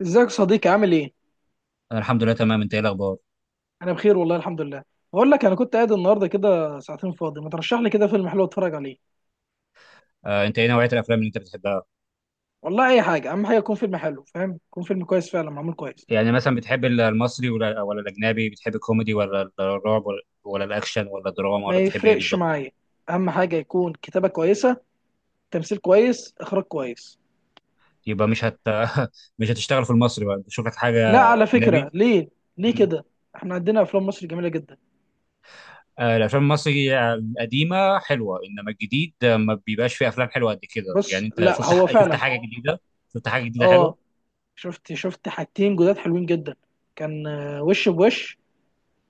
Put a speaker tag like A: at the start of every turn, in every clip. A: ازيك يا صديقي؟ عامل ايه؟
B: انا الحمد لله تمام. انت ايه الاخبار؟
A: انا بخير والله الحمد لله. بقول لك انا كنت قاعد النهارده كده ساعتين فاضي، ما ترشح لي كده فيلم حلو اتفرج عليه.
B: انت ايه نوعيه الافلام اللي انت بتحبها؟
A: والله اي حاجه، اهم حاجه يكون فيلم حلو، فاهم؟ يكون فيلم كويس فعلا معمول كويس.
B: يعني مثلا بتحب المصري ولا ولا الاجنبي؟ بتحب الكوميدي ولا الرعب ولا الاكشن ولا الدراما
A: ما
B: ولا بتحب ايه
A: يفرقش
B: بالظبط؟
A: معايا. اهم حاجه يكون كتابه كويسه، تمثيل كويس، اخراج كويس.
B: يبقى مش هت مش هتشتغل في المصري بقى، تشوف لك
A: لا
B: حاجه
A: على فكره،
B: اجنبي.
A: ليه؟ ليه
B: مم.
A: كده؟ احنا عندنا افلام مصر جميله جدا.
B: الافلام المصري القديمه حلوه، انما الجديد ما بيبقاش فيه افلام حلوه قد كده. يعني
A: بص،
B: انت
A: لا
B: شفت، بص،
A: هو
B: شفت
A: فعلا.
B: حاجه جديده؟ شفت حاجه جديده
A: اه،
B: حلوه؟
A: شفت حاجتين جداد حلوين جدا. كان وش بوش،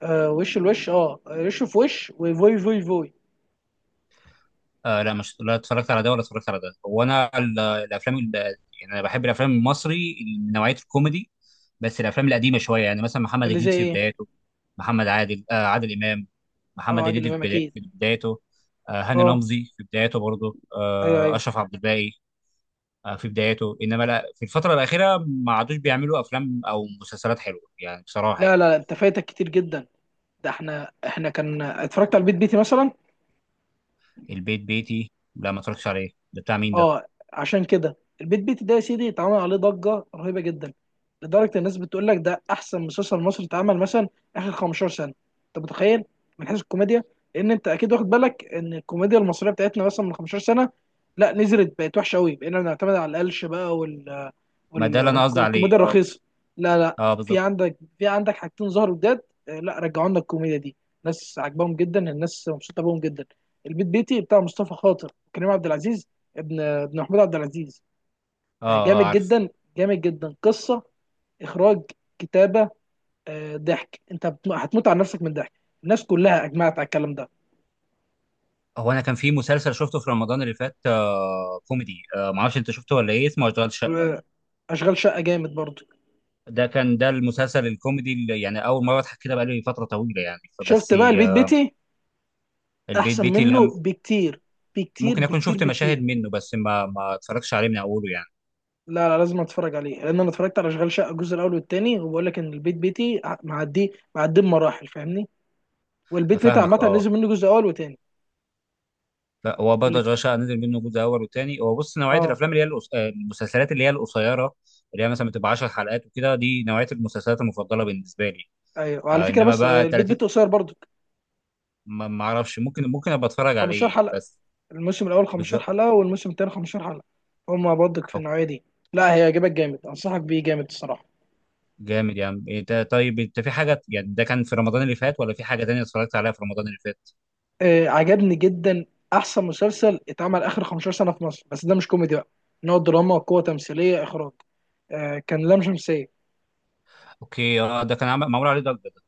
A: وش الوش، اه وش في وش وفوي فوي فوي.
B: لا، مش لا اتفرجت على ده ولا اتفرجت على ده. هو انا الافلام يعني انا بحب الافلام المصري من نوعيه الكوميدي، بس الافلام القديمه شويه. يعني مثلا محمد
A: اللي
B: هنيدي
A: زي
B: في
A: ايه؟
B: بداياته، محمد عادل آه عادل امام،
A: اه،
B: محمد
A: عادل
B: هنيدي
A: امام اكيد.
B: في بدايته، هاني
A: اه،
B: رمزي في بدايته برضه،
A: ايوه ايوه.
B: اشرف عبد الباقي في بدايته. انما لا، في الفتره الاخيره ما عادوش بيعملوا افلام او مسلسلات حلوه يعني، بصراحه
A: لا
B: يعني.
A: لا لا، انت فايتك كتير جدا. ده احنا كان اتفرجت على البيت بيتي مثلا.
B: البيت بيتي لا، ما اتفرجتش عليه، ده بتاع مين ده؟
A: اه، عشان كده البيت بيتي ده يا سيدي اتعمل عليه ضجه رهيبه جدا، لدرجه الناس بتقول لك ده احسن مسلسل مصري اتعمل مثلا اخر 15 سنه. انت متخيل؟ من حيث الكوميديا، لان انت اكيد واخد بالك ان الكوميديا المصريه بتاعتنا مثلا من 15 سنه لا نزلت، بقت وحشه قوي، بقينا بنعتمد على القلش بقى
B: ما ده اللي انا قصدي عليه،
A: والكوميديا
B: اه.
A: الرخيصه. لا لا.
B: اه
A: في
B: بالظبط.
A: عندك، في عندك حاجتين ظهروا جداد، لا رجعوا لنا الكوميديا دي. ناس عاجباهم جدا، الناس مبسوطه بهم جدا. البيت بيتي بتاع مصطفى خاطر وكريم عبد العزيز، ابن ابن محمود عبد العزيز.
B: اه، اه
A: جامد
B: عارف.
A: جدا، جامد جدا. قصه، اخراج، كتابه، ضحك. انت هتموت على نفسك من ضحك. الناس كلها اجمعت على الكلام ده.
B: هو انا كان في مسلسل شفته في رمضان اللي فات، كوميدي، ما اعرفش انت شفته ولا ايه، اسمه اشغال شقه.
A: آه، اشغال شقه جامد برضو.
B: ده كان المسلسل الكوميدي اللي يعني اول مره اضحك كده بقالي فتره طويله يعني،
A: شفت
B: فبس.
A: بقى البيت
B: آه
A: بيتي؟
B: البيت
A: احسن
B: بيتي لا،
A: منه بكتير. بكتير
B: ممكن اكون
A: بكتير
B: شفت مشاهد
A: بكتير
B: منه بس ما اتفرجتش عليه من اوله يعني.
A: لا لا، لازم اتفرج عليه، لان انا اتفرجت على اشغال شقه الجزء الاول والثاني، وبقول لك ان البيت بيتي معدي بمراحل، فاهمني. والبيت بيتي
B: افهمك
A: عامه
B: اه.
A: نزل منه جزء اول وثاني.
B: هو برضه
A: والت...
B: اشغال شقه نزل منه جزء اول وثاني. هو بص، نوعيه
A: اه.
B: الافلام اللي هي المسلسلات اللي هي القصيره، اللي هي مثلا بتبقى 10 حلقات وكده، دي نوعيه المسلسلات المفضله بالنسبه لي.
A: ايوه، وعلى
B: آه،
A: فكره
B: انما
A: بس
B: بقى
A: البيت
B: 30.
A: بيتي قصير برضو.
B: ما اعرفش، ممكن ابقى اتفرج
A: 15
B: عليه
A: حلقه،
B: بس.
A: الموسم الاول 15
B: بالظبط.
A: حلقه، والموسم الثاني 15 حلقه. هما برضك في
B: أو
A: النوعيه دي، لا هيعجبك جامد، انصحك بيه جامد الصراحه.
B: جامد يا عم، ايه ده. طيب انت في حاجه يعني ده كان في رمضان اللي فات، ولا في حاجه تانية اتفرجت عليها في رمضان اللي فات؟
A: آه، عجبني جدا. احسن مسلسل اتعمل اخر 15 سنه في مصر، بس ده مش كوميدي بقى، ان هو دراما، قوه تمثيليه، اخراج. آه كان لام شمسيه.
B: اوكي، اه، ده كان عمل معمول عليه ضجه ده.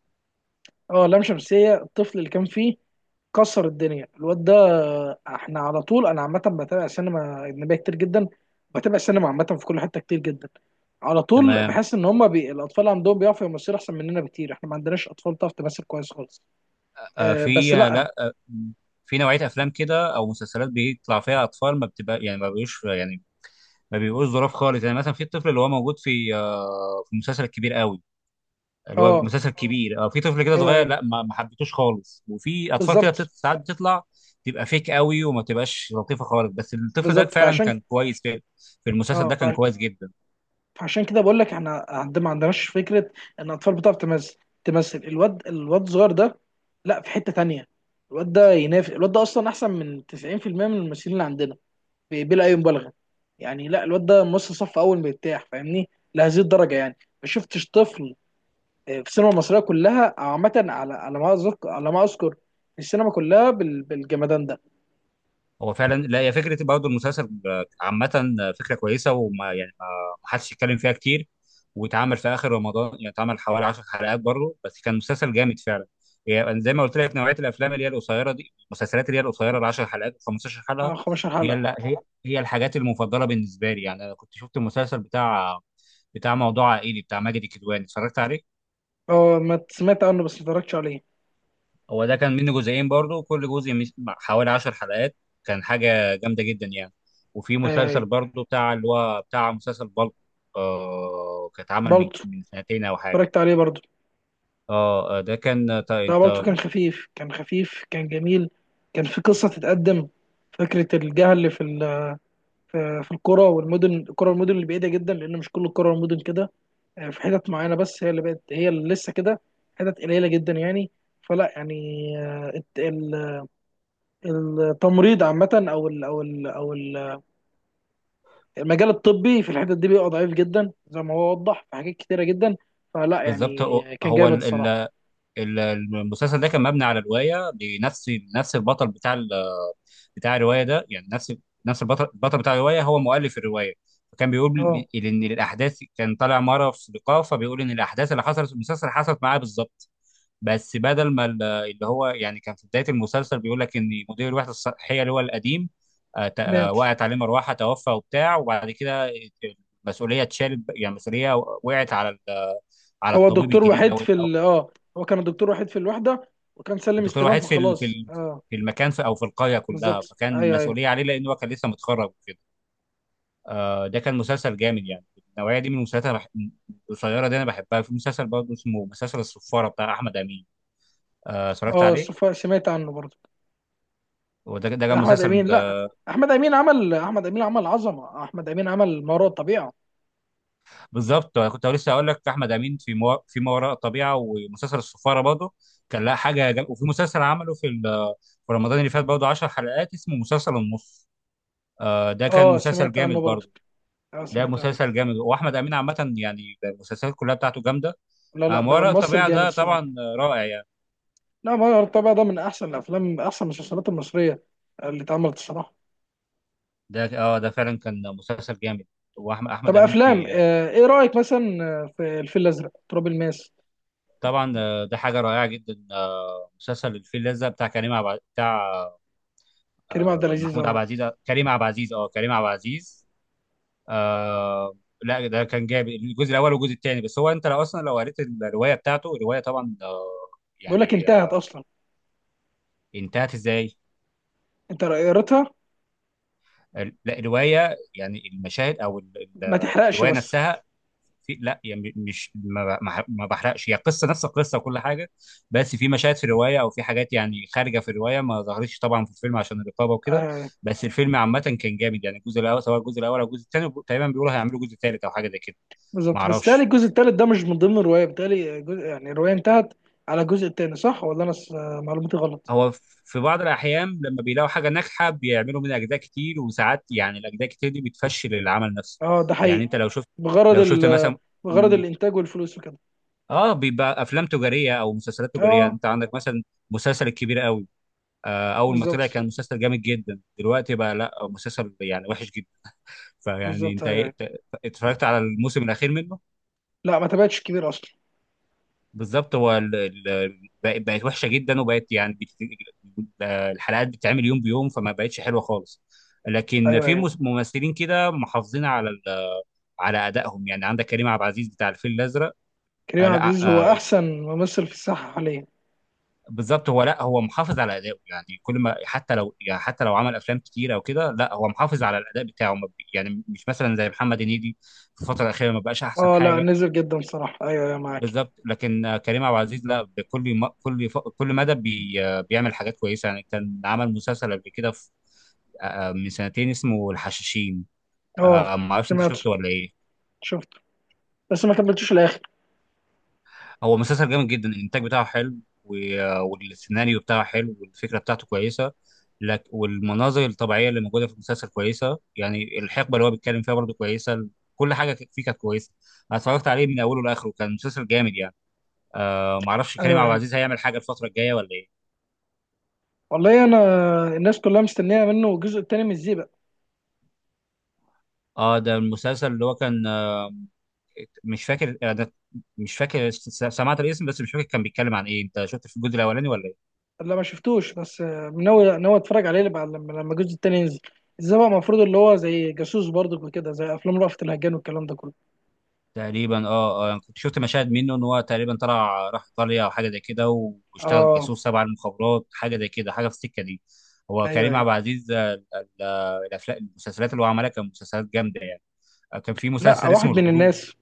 A: اه، لام شمسية. الطفل اللي كان فيه كسر الدنيا، الواد ده. احنا على طول انا عامة بتابع سينما أجنبية كتير جدا، بتابع سينما عامة في كل حتة كتير جدا. على طول
B: تمام.
A: بحس ان الاطفال عندهم بيعرفوا يمثلوا احسن مننا بكتير، احنا ما عندناش اطفال بتعرف تمثل كويس خالص.
B: آه
A: أه، بس
B: في آه،
A: لا.
B: لا آه في نوعيه افلام كده او مسلسلات بيطلع فيها اطفال، ما بتبقى يعني ما بيبقوش ظراف خالص. يعني مثلا في الطفل اللي هو موجود في في المسلسل الكبير قوي، اللي هو
A: اه،
B: مسلسل كبير، اه، في طفل كده
A: ايوه
B: صغير،
A: ايوه،
B: لا ما حبيتوش خالص. وفي اطفال كده
A: بالظبط.
B: بتت... ساعات بتطلع تبقى فيك قوي وما تبقاش لطيفه خالص، بس الطفل ده
A: بالظبط.
B: فعلا كان كويس في، في المسلسل ده
A: اه
B: كان كويس جدا.
A: فعشان كده بقول لك احنا ما عندناش فكره ان الاطفال بتعرف تمثل. تمثل. الواد الصغير ده، لا في حته تانية. الواد ده ينافس، الواد ده اصلا احسن من 90% من الممثلين اللي عندنا، بلا اي مبالغه يعني. لا، الواد ده ممثل صف اول مرتاح، فاهمني، لهذه الدرجه يعني. ما شفتش طفل في السينما المصريه كلها عامه، على على ما اذكر، في السينما كلها بالجمدان ده.
B: هو فعلا لا، هي فكره برضه المسلسل عامه، فكره كويسه وما يعني ما ما حدش يتكلم فيها كتير. واتعمل في اخر رمضان يعني، اتعمل حوالي 10 حلقات برضه، بس كان مسلسل جامد فعلا. يعني زي ما قلت لك، نوعيه الافلام اللي هي القصيره دي، المسلسلات اللي هي القصيره، ال 10 حلقات و15 حلقه
A: 15
B: هي
A: حلقه.
B: هي الحاجات المفضله بالنسبه لي. يعني انا كنت شفت المسلسل بتاع موضوع عائلي، بتاع ماجد الكدواني، اتفرجت عليه.
A: اه، ما سمعت عنه، بس ما اتفرجتش عليه.
B: هو ده كان منه جزئين برضو، كل جزء حوالي عشر حلقات، كان حاجة جامدة جدا يعني. وفي
A: آه،
B: مسلسل برضو بتاع اللي هو بتاع مسلسل بالك، كان اتعمل من
A: برضه
B: من سنتين أو حاجة.
A: اتفرجت عليه برضه.
B: اه، آه، ده كان تا-
A: لا،
B: انت
A: بالطو كان خفيف، كان خفيف، كان جميل، كان في قصة تتقدم. فكرة الجهل في في في القرى والمدن، القرى والمدن اللي بعيدة جدا، لأن مش كل القرى والمدن كده. في حتت معينة بس هي اللي بقت، هي اللي لسه كده، حتت قليلة جدا يعني. فلا يعني، آه، الت- ال- التمريض عامة، المجال الطبي في الحتت دي بيبقى ضعيف جدا، زي ما هو وضح في حاجات كتيرة جدا. فلا
B: بالظبط.
A: يعني
B: هو
A: كان
B: هو
A: جامد الصراحة.
B: المسلسل ده كان مبني على رواية، لنفس البطل بتاع الروايه ده. يعني نفس البطل، بتاع الروايه هو مؤلف الروايه. فكان بيقول
A: اه،
B: ان الاحداث، كان طالع مره في لقاء فبيقول ان الاحداث اللي حصلت في المسلسل حصلت معاه بالظبط. بس بدل ما اللي هو يعني كان في بدايه المسلسل بيقول لك ان مدير الوحده الصحيه اللي هو القديم
A: مات.
B: وقعت عليه مروحه توفى وبتاع، وبعد كده المسؤوليه اتشالت، يعني المسؤوليه وقعت على على
A: هو
B: الطبيب
A: الدكتور
B: الجديد
A: وحيد
B: او،
A: في ال اه، هو كان الدكتور وحيد في الوحدة وكان سلم
B: الدكتور
A: استلام،
B: وحيد في
A: فخلاص. اه،
B: في المكان، في او في القريه كلها،
A: بالظبط.
B: فكان
A: ايوه ايوه.
B: مسؤوليه عليه لانه كان لسه متخرج. ده كان مسلسل جامد يعني. النوعيه دي من المسلسلات أنا القصيره دي انا بحبها. في مسلسل برضه اسمه مسلسل الصفاره بتاع احمد امين، اتفرجت
A: اه،
B: عليه.
A: سمعت عنه برضه.
B: وده كان
A: احمد امين؟
B: مسلسل
A: لا. احمد امين عمل، احمد امين عمل عظمة، احمد امين عمل ما وراء الطبيعة.
B: بالظبط. أنا كنت لسه هقول لك احمد امين في ما وراء الطبيعه ومسلسل الصفاره برضه، كان لها حاجه جم... وفي مسلسل عمله في ال... في رمضان اللي فات برضه 10 حلقات، اسمه مسلسل النص. ده كان
A: اه،
B: مسلسل
A: سمعت عنه
B: جامد
A: برضه.
B: برضه.
A: اه،
B: ده
A: سمعت عنه.
B: مسلسل جامد، واحمد امين عامه يعني المسلسلات كلها بتاعته جامده.
A: لا لا
B: ما
A: بقى
B: وراء
A: ممثل
B: الطبيعه
A: جامد
B: ده
A: الصراحة.
B: طبعا رائع يعني.
A: لا، ما وراء الطبيعة ده من احسن الافلام، من احسن المسلسلات المصرية اللي اتعملت الصراحة.
B: ده، اه، ده فعلا كان مسلسل جامد. واحمد
A: طب
B: احمد امين
A: افلام،
B: في،
A: آه، ايه رأيك مثلا في الفيل الازرق، تراب الماس؟
B: طبعا ده حاجه رائعه جدا، مسلسل الفيل الازرق بتاع كريم عب... بتاع
A: كريم عبد
B: آه،
A: العزيز
B: محمود عبد
A: اهو.
B: العزيز آه، كريم عبد العزيز، اه، كريم عبد العزيز. آه لا، ده كان جامد الجزء الاول والجزء الثاني. بس هو انت لو اصلا لو قريت الروايه بتاعته، الروايه طبعا
A: بقول لك
B: يعني
A: انتهت
B: آه،
A: اصلا.
B: انتهت ازاي؟
A: انت قريتها؟
B: لا الروايه يعني المشاهد
A: ما تحرقش
B: الروايه
A: بس.
B: نفسها. في، لا يعني مش ما بحرقش، هي قصه نفس القصه وكل حاجه. بس في مشاهد في الروايه، او في حاجات يعني خارجه في الروايه ما ظهرتش طبعا في الفيلم، عشان الرقابه وكده.
A: آه،
B: بس الفيلم عامه كان جامد يعني. الجزء الاول، سواء الجزء الاول او الجزء الثاني تقريبا بيقولوا هيعملوا جزء ثالث او حاجه زي كده. ما
A: بالظبط، بس تالي
B: اعرفش.
A: الجزء التالت ده مش من ضمن الرواية، بتالي جزء يعني الرواية انتهت على الجزء التاني، صح؟ ولا انا معلوماتي غلط؟
B: هو في بعض الاحيان لما بيلاقوا حاجه ناجحه بيعملوا منها اجزاء كتير، وساعات يعني الاجزاء كتير دي بتفشل العمل نفسه.
A: اه، ده
B: يعني
A: حقيقي.
B: انت
A: بغرض
B: لو شفت
A: ال
B: مثلا،
A: بغرض
B: م-
A: الانتاج والفلوس وكده.
B: اه، بيبقى افلام تجاريه او مسلسلات تجاريه.
A: اه،
B: انت عندك مثلا مسلسل الكبير قوي، اول ما طلع
A: بالظبط.
B: كان مسلسل جامد جدا، دلوقتي بقى لا، مسلسل يعني وحش جدا. فيعني
A: بالظبط،
B: انت
A: ايوه ايوه.
B: اتفرجت على الموسم الاخير منه؟
A: لا، ما تابعتش كبير اصلا.
B: بالظبط. هو بقت وحشه جدا، وبقت يعني الحلقات بتتعمل يوم بيوم فما بقتش حلوه خالص. لكن
A: ايوه
B: في
A: ايوه.
B: ممثلين كده محافظين على على ادائهم. يعني عندك كريم عبد العزيز بتاع الفيل الازرق. آه،
A: كريم عبد
B: لا
A: العزيز هو
B: آه،
A: احسن ممثل في الساحة حاليا.
B: بالظبط، هو لا، هو محافظ على ادائه يعني. كل ما، حتى لو يعني حتى لو عمل افلام كتيره او كده، لا هو محافظ على الاداء بتاعه، ما بي- يعني مش مثلا زي محمد هنيدي. في الفتره الاخيره ما بقاش احسن
A: اه لا،
B: حاجه.
A: نزل جدا صراحة. ايوه ايوه، معاك.
B: بالظبط، لكن كريم عبد العزيز لا، بكل كل مدى بي... آه، بيعمل حاجات كويسه يعني. كان عمل مسلسل قبل كده في... آه، آه، من سنتين اسمه الحشاشين،
A: اه،
B: ما اعرفش انت
A: سمعت.
B: شفته ولا ايه.
A: شفت بس ما كملتوش الاخر.
B: هو مسلسل جامد جدا، الانتاج بتاعه حلو، والسيناريو بتاعه حلو، والفكره بتاعته كويسه لك، والمناظر الطبيعيه اللي موجوده في المسلسل كويسه. يعني الحقبه اللي هو بيتكلم فيها برضه كويسه، كل حاجه فيه كانت كويسه. انا اتفرجت عليه من اوله لاخره، كان مسلسل جامد يعني. معرفش كريم
A: ايوه
B: عبد
A: ايوه.
B: العزيز هيعمل حاجه الفتره الجايه ولا ايه.
A: والله انا الناس كلها مستنيه منه الجزء التاني من الزيبق.
B: اه، ده المسلسل اللي هو كان مش فاكر انا. مش فاكر سمعت الاسم بس مش فاكر كان بيتكلم عن ايه. انت شفت في الجزء الاولاني ولا ايه؟
A: لا ما شفتوش، بس ناوي اتفرج عليه لما لما الجزء التاني ينزل. ازاي بقى؟ المفروض اللي هو زي جاسوس برضك وكده، زي افلام رأفت الهجان والكلام ده كله.
B: تقريبا اه، اه يعني كنت شفت مشاهد منه، ان هو تقريبا طلع راح ايطاليا او حاجه زي كده، واشتغل
A: اه،
B: جاسوس تبع المخابرات، حاجه زي كده، حاجه في السكه دي. هو
A: ايوه
B: كريم
A: ايوه.
B: عبد العزيز ال- الافلام المسلسلات اللي هو عملها كان مسلسلات جامده يعني. كان في
A: لا،
B: مسلسل اسمه
A: واحد من
B: الهروب.
A: الناس،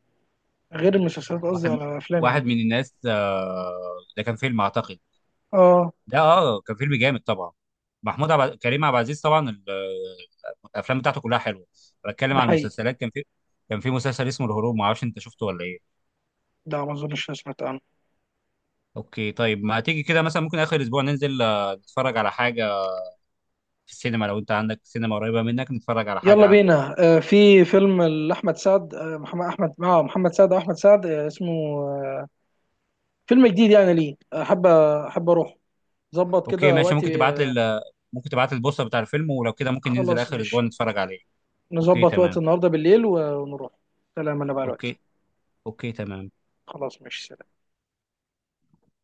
A: غير المسلسلات، قصدي
B: واحد
A: على الافلام يعني.
B: واحد من الناس ده كان فيلم اعتقد.
A: اه،
B: ده، اه، كان فيلم جامد طبعا. محمود عبد كريم عبد العزيز طبعا الافلام بتاعته كلها حلوه. بتكلم
A: ده
B: عن
A: حقيقي.
B: المسلسلات، كان في مسلسل اسمه الهروب، ما اعرفش انت شفته ولا ايه.
A: ده ما اظنش أنا سمعت عنه.
B: اوكي طيب، ما تيجي كده مثلا، ممكن اخر اسبوع ننزل نتفرج على حاجه في السينما، لو انت عندك سينما قريبه منك نتفرج على حاجه
A: يلا
B: عندك.
A: بينا. آه، في فيلم لاحمد سعد، آه، محمد احمد، مع محمد سعد واحمد سعد، آه اسمه، آه، فيلم جديد. يعني ليه احب، احب اروح، ظبط
B: اوكي
A: كده
B: ماشي.
A: وقتي
B: ممكن تبعت لي البوستر بتاع الفيلم، ولو كده ممكن ننزل
A: خلاص
B: اخر
A: ماشي.
B: اسبوع نتفرج عليه. اوكي
A: نظبط وقت
B: تمام.
A: النهارده بالليل ونروح. سلام، انا بقى دلوقتي.
B: اوكي. اوكي تمام.
A: خلاص ماشي.